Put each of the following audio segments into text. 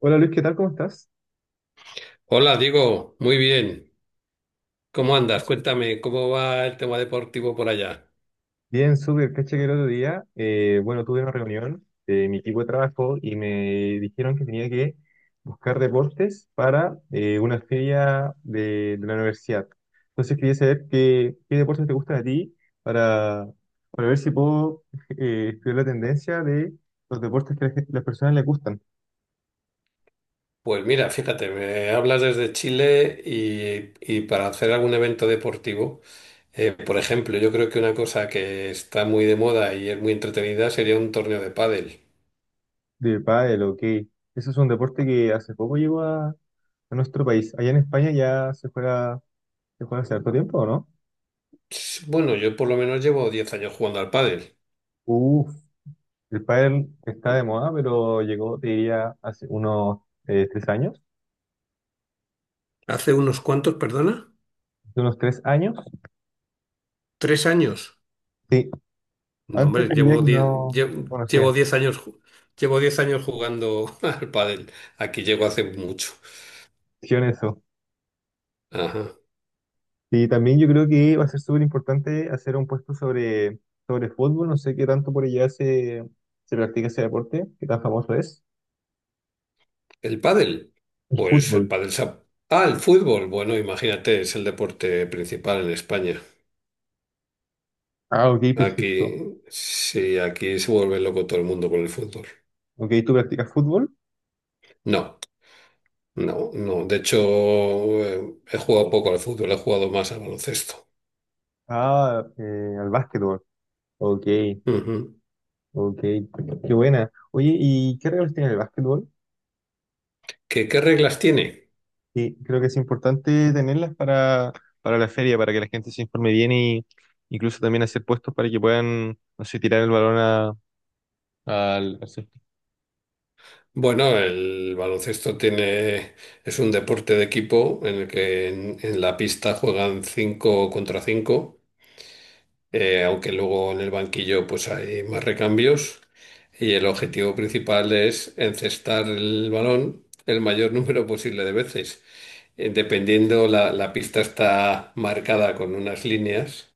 Hola Luis, ¿qué tal? ¿Cómo estás? Hola, Diego, muy bien. ¿Cómo andas? Cuéntame, ¿cómo va el tema deportivo por allá? Bien, súper. Caché que el otro día, bueno, tuve una reunión de mi equipo de trabajo y me dijeron que tenía que buscar deportes para una feria de la universidad. Entonces quería saber qué deportes te gustan a ti para, para ver si puedo estudiar la tendencia de los deportes que las personas les gustan, Pues mira, fíjate, me hablas desde Chile y para hacer algún evento deportivo, por ejemplo, yo creo que una cosa que está muy de moda y es muy entretenida sería un torneo de pádel. de pádel o qué. Eso es un deporte que hace poco llegó a nuestro país. Allá en España ya se juega hace harto tiempo, ¿o no? Bueno, yo por lo menos llevo 10 años jugando al pádel. Uf, el pádel está de moda, pero llegó, te diría, hace unos 3 años. ¿Hace unos cuantos, perdona? Hace unos 3 años. ¿3 años? Sí, No, antes hombre, te diría llevo que 10, no lle- conocía. llevo 10 años, ju- llevo 10 años jugando al pádel. Aquí llego hace mucho. Sí, en eso. Ajá. Y también yo creo que va a ser súper importante hacer un puesto sobre fútbol. No sé qué tanto por allá se practica ese deporte, qué tan famoso es. El pádel. El Pues el fútbol. pádel se ha- Ah, el fútbol. Bueno, imagínate, es el deporte principal en España. Ah, ok, perfecto. Aquí, sí, aquí se vuelve loco todo el mundo con el fútbol. Ok, ¿tú practicas fútbol? No, no, no. De hecho, he jugado poco al fútbol, he jugado más al baloncesto. Ah, al básquetbol. Ok, Ujú. ok. Qué buena. Oye, ¿y qué reglas tiene el básquetbol? ¿Qué reglas tiene? Sí, creo que es importante tenerlas para la feria, para que la gente se informe bien y incluso también hacer puestos para que puedan, no sé, tirar el balón al césped. Bueno, es un deporte de equipo en el que en la pista juegan 5 contra 5. Aunque luego en el banquillo pues hay más recambios y el objetivo principal es encestar el balón el mayor número posible de veces. Dependiendo, la pista está marcada con unas líneas.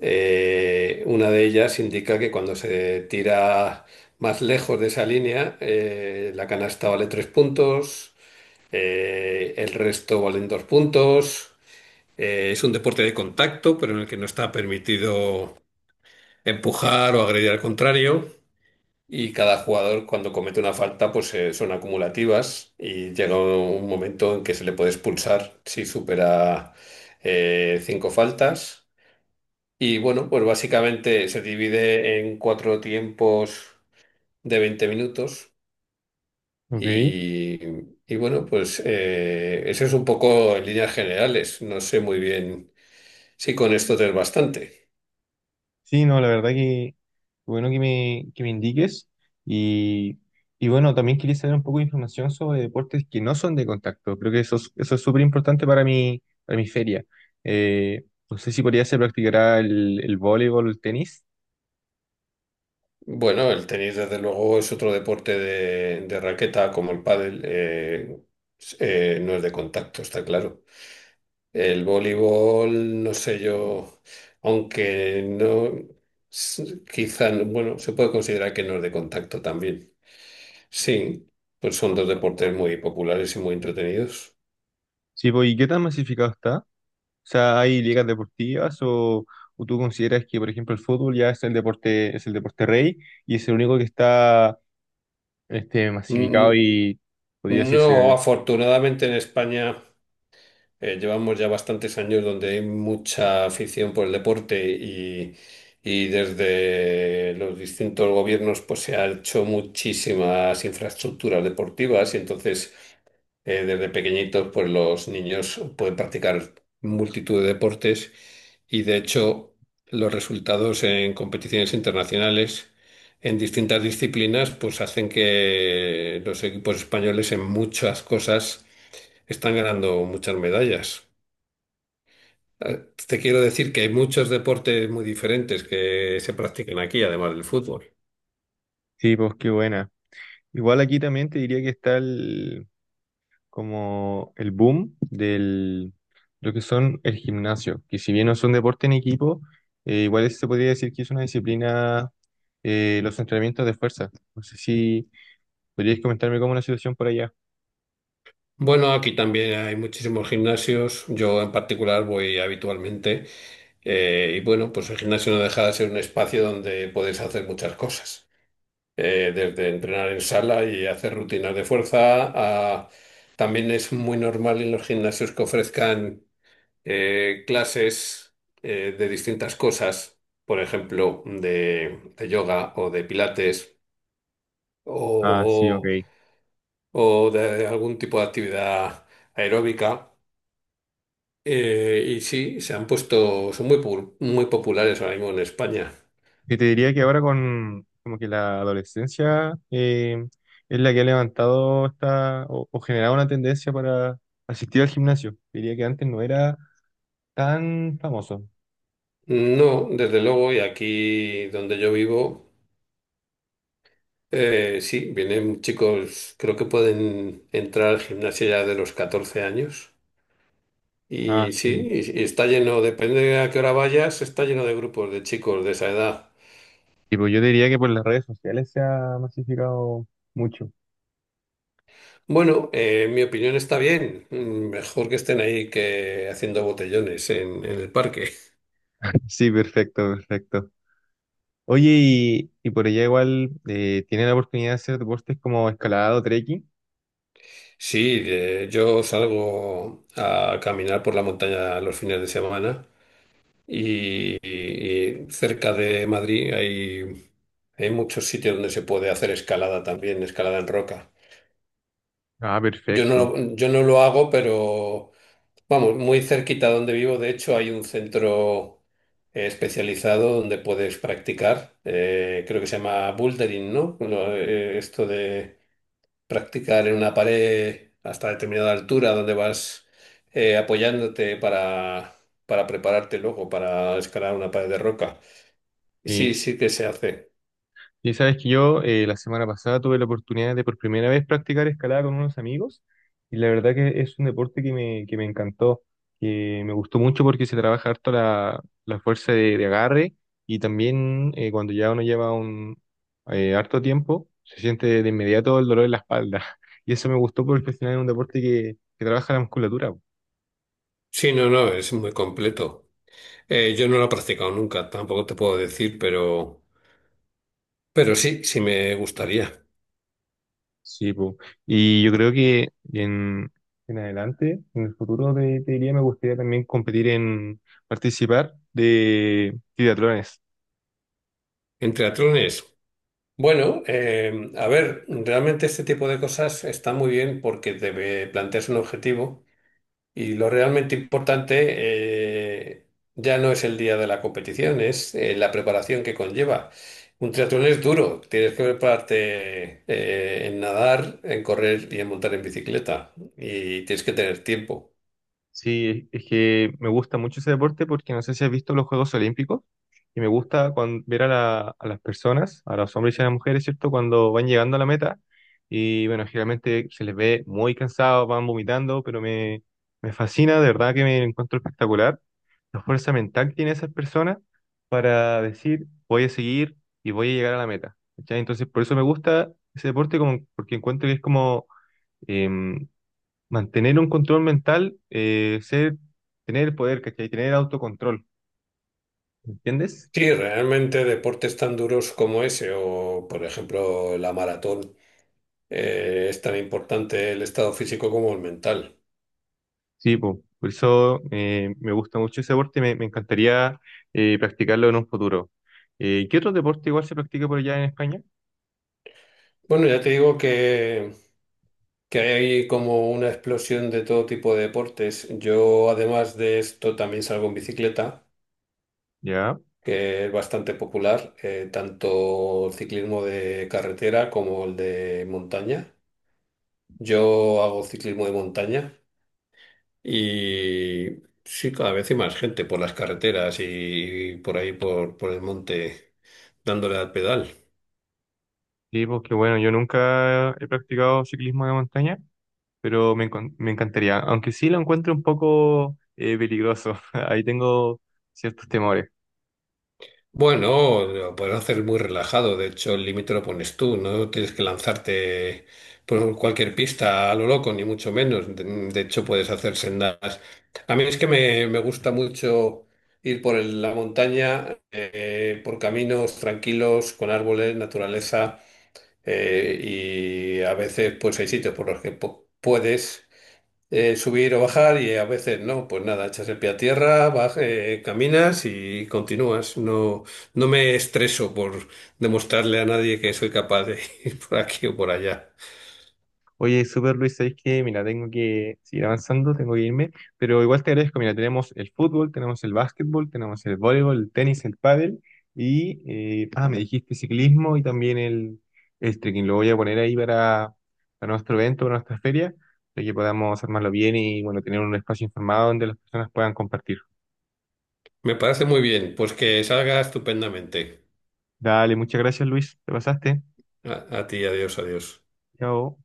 Una de ellas indica que cuando se tira más lejos de esa línea, la canasta vale tres puntos, el resto valen dos puntos. Es un deporte de contacto, pero en el que no está permitido empujar o agredir al contrario. Y cada jugador cuando comete una falta pues son acumulativas y llega un momento en que se le puede expulsar si supera cinco faltas. Y bueno, pues básicamente se divide en cuatro tiempos de 20 minutos Ok. y, y bueno, pues eso es un poco en líneas generales. No sé muy bien si con esto te es bastante. Sí, no, la verdad que bueno que que me indiques. Y, y bueno, también quería saber un poco de información sobre deportes que no son de contacto. Creo que eso es súper importante para para mi feria. Eh, no sé si por allá se practicará el voleibol, el tenis. Bueno, el tenis desde luego es otro deporte de raqueta como el pádel, no es de contacto, está claro. El voleibol, no sé yo, aunque no, quizá, bueno, se puede considerar que no es de contacto también. Sí, pues son dos deportes muy populares y muy entretenidos. Sí, pues, ¿y qué tan masificado está? Sea, hay ligas deportivas o tú consideras que, por ejemplo, el fútbol ya es el deporte rey y es el único que está este, Mm, masificado mm, y podría decirse, No, afortunadamente en España. Llevamos ya bastantes años donde hay mucha afición por el deporte y desde los distintos gobiernos pues se han hecho muchísimas infraestructuras deportivas y entonces desde pequeñitos pues los niños pueden practicar multitud de deportes y de hecho los resultados en competiciones internacionales en distintas disciplinas pues hacen que los equipos españoles en muchas cosas están ganando muchas medallas. Eh, Te quiero decir que hay muchos deportes muy diferentes que se practican aquí, además del fútbol. sí, pues qué buena. Igual aquí también te diría que está el, como el boom del lo que son el gimnasio, que si bien no son deporte en equipo, igual se podría decir que es una disciplina, los entrenamientos de fuerza. No sé si podrías comentarme cómo es la situación por allá. Bueno, aquí también hay muchísimos gimnasios. Yo en particular voy habitualmente. Y bueno, pues el gimnasio no deja de ser un espacio donde puedes hacer muchas cosas. Desde entrenar en sala y hacer rutinas de fuerza a... También es muy normal en los gimnasios que ofrezcan clases de distintas cosas, por ejemplo, de yoga o de pilates Ah, sí, ok. o, o de algún tipo de actividad aeróbica. Y sí, se han puesto, son muy populares ahora mismo en España. Que te diría que ahora con como que la adolescencia es la que ha levantado esta o generado una tendencia para asistir al gimnasio. Diría que antes no era tan famoso. No, desde luego, y aquí donde yo vivo, sí, vienen chicos, creo que pueden entrar al gimnasio ya de los 14 años. Ah, Y sí. sí, y está lleno, depende de a qué hora vayas, está lleno de grupos de chicos de esa edad. Tipo, yo diría que por las redes sociales se ha masificado mucho. Bueno, en mi opinión está bien. Mejor que estén ahí que haciendo botellones en el parque. Sí, perfecto, perfecto. Oye, y por allá igual tienen la oportunidad de hacer deportes como escalada o trekking. Sí, yo salgo a caminar por la montaña los fines de semana cerca de Madrid hay muchos sitios donde se puede hacer escalada también, escalada en roca. Ah, perfecto. Yo no lo hago, pero... Vamos, muy cerquita donde vivo, de hecho, hay un centro especializado donde puedes practicar. Creo que se llama bouldering, ¿no? Esto de practicar en una pared hasta determinada altura donde vas apoyándote para prepararte luego para escalar una pared de roca. Sí, sí que se hace. Y sabes que yo la semana pasada tuve la oportunidad de por primera vez practicar escalada con unos amigos y la verdad que es un deporte que que me encantó, que me gustó mucho porque se trabaja harto la fuerza de agarre y también cuando ya uno lleva un harto tiempo se siente de inmediato el dolor en la espalda y eso me gustó porque al final es un deporte que trabaja la musculatura. Sí, no, no, es muy completo. Yo no lo he practicado nunca, tampoco te puedo decir, pero, sí, sí me gustaría. Sí, po. Y yo creo que en adelante, en el futuro, te diría, me gustaría también competir en participar de triatlones. ¿En triatlones? Bueno, a ver, realmente este tipo de cosas está muy bien porque debe plantearse un objetivo y lo realmente importante eh, ya no es el día de la competición, es la preparación que conlleva. Un triatlón es duro, tienes que prepararte en nadar, en correr y en montar en bicicleta y tienes que tener tiempo. Sí, es que me gusta mucho ese deporte porque no sé si has visto los Juegos Olímpicos y me gusta ver a las personas, a los hombres y a las mujeres, ¿cierto? Cuando van llegando a la meta y bueno, generalmente se les ve muy cansados, van vomitando, pero me fascina, de verdad que me encuentro espectacular la fuerza mental que tienen esas personas para decir voy a seguir y voy a llegar a la meta, ¿cachai? Entonces por eso me gusta ese deporte como, porque encuentro que es como em, mantener un control mental, tener el poder, ¿cachai? Tener autocontrol, ¿entiendes? Sí, realmente deportes tan duros como ese o, por ejemplo, la maratón, es tan importante el estado físico como el mental. Sí, po. Por eso me gusta mucho ese deporte y me encantaría practicarlo en un futuro. ¿Qué otro deporte igual se practica por allá en España? Bueno, ya te digo que hay como una explosión de todo tipo de deportes. Yo, además de esto, también salgo en bicicleta, Ya, que es bastante popular, tanto ciclismo de carretera como el de montaña. Yo hago ciclismo de montaña y sí, cada vez hay más gente por las carreteras y por ahí, por el monte, dándole al pedal. sí, porque bueno, yo nunca he practicado ciclismo de montaña, pero me encantaría, aunque sí lo encuentro un poco peligroso, ahí tengo ciertos temores. Bueno, lo puedes hacer muy relajado. De hecho, el límite lo pones tú. No tienes que lanzarte por cualquier pista a lo loco, ni mucho menos. De hecho, puedes hacer sendas. A mí es que me gusta mucho ir por la montaña, por caminos tranquilos, con árboles, naturaleza, y a veces, pues hay sitios por los que puedes subir o bajar y a veces no, pues nada, echas el pie a tierra, caminas y continúas. No, no me estreso por demostrarle a nadie que soy capaz de ir por aquí o por allá. Oye, super Luis, ¿sabes qué? Mira, tengo que seguir avanzando, tengo que irme, pero igual te agradezco. Mira, tenemos el fútbol, tenemos el básquetbol, tenemos el voleibol, el tenis, el pádel y, me dijiste ciclismo y también el trekking. Lo voy a poner ahí para nuestro evento, para nuestra feria, para que podamos armarlo bien y, bueno, tener un espacio informado donde las personas puedan compartir. Me parece muy bien, pues que salga estupendamente. Dale, muchas gracias, Luis, te pasaste. A ti, adiós, adiós. Chao.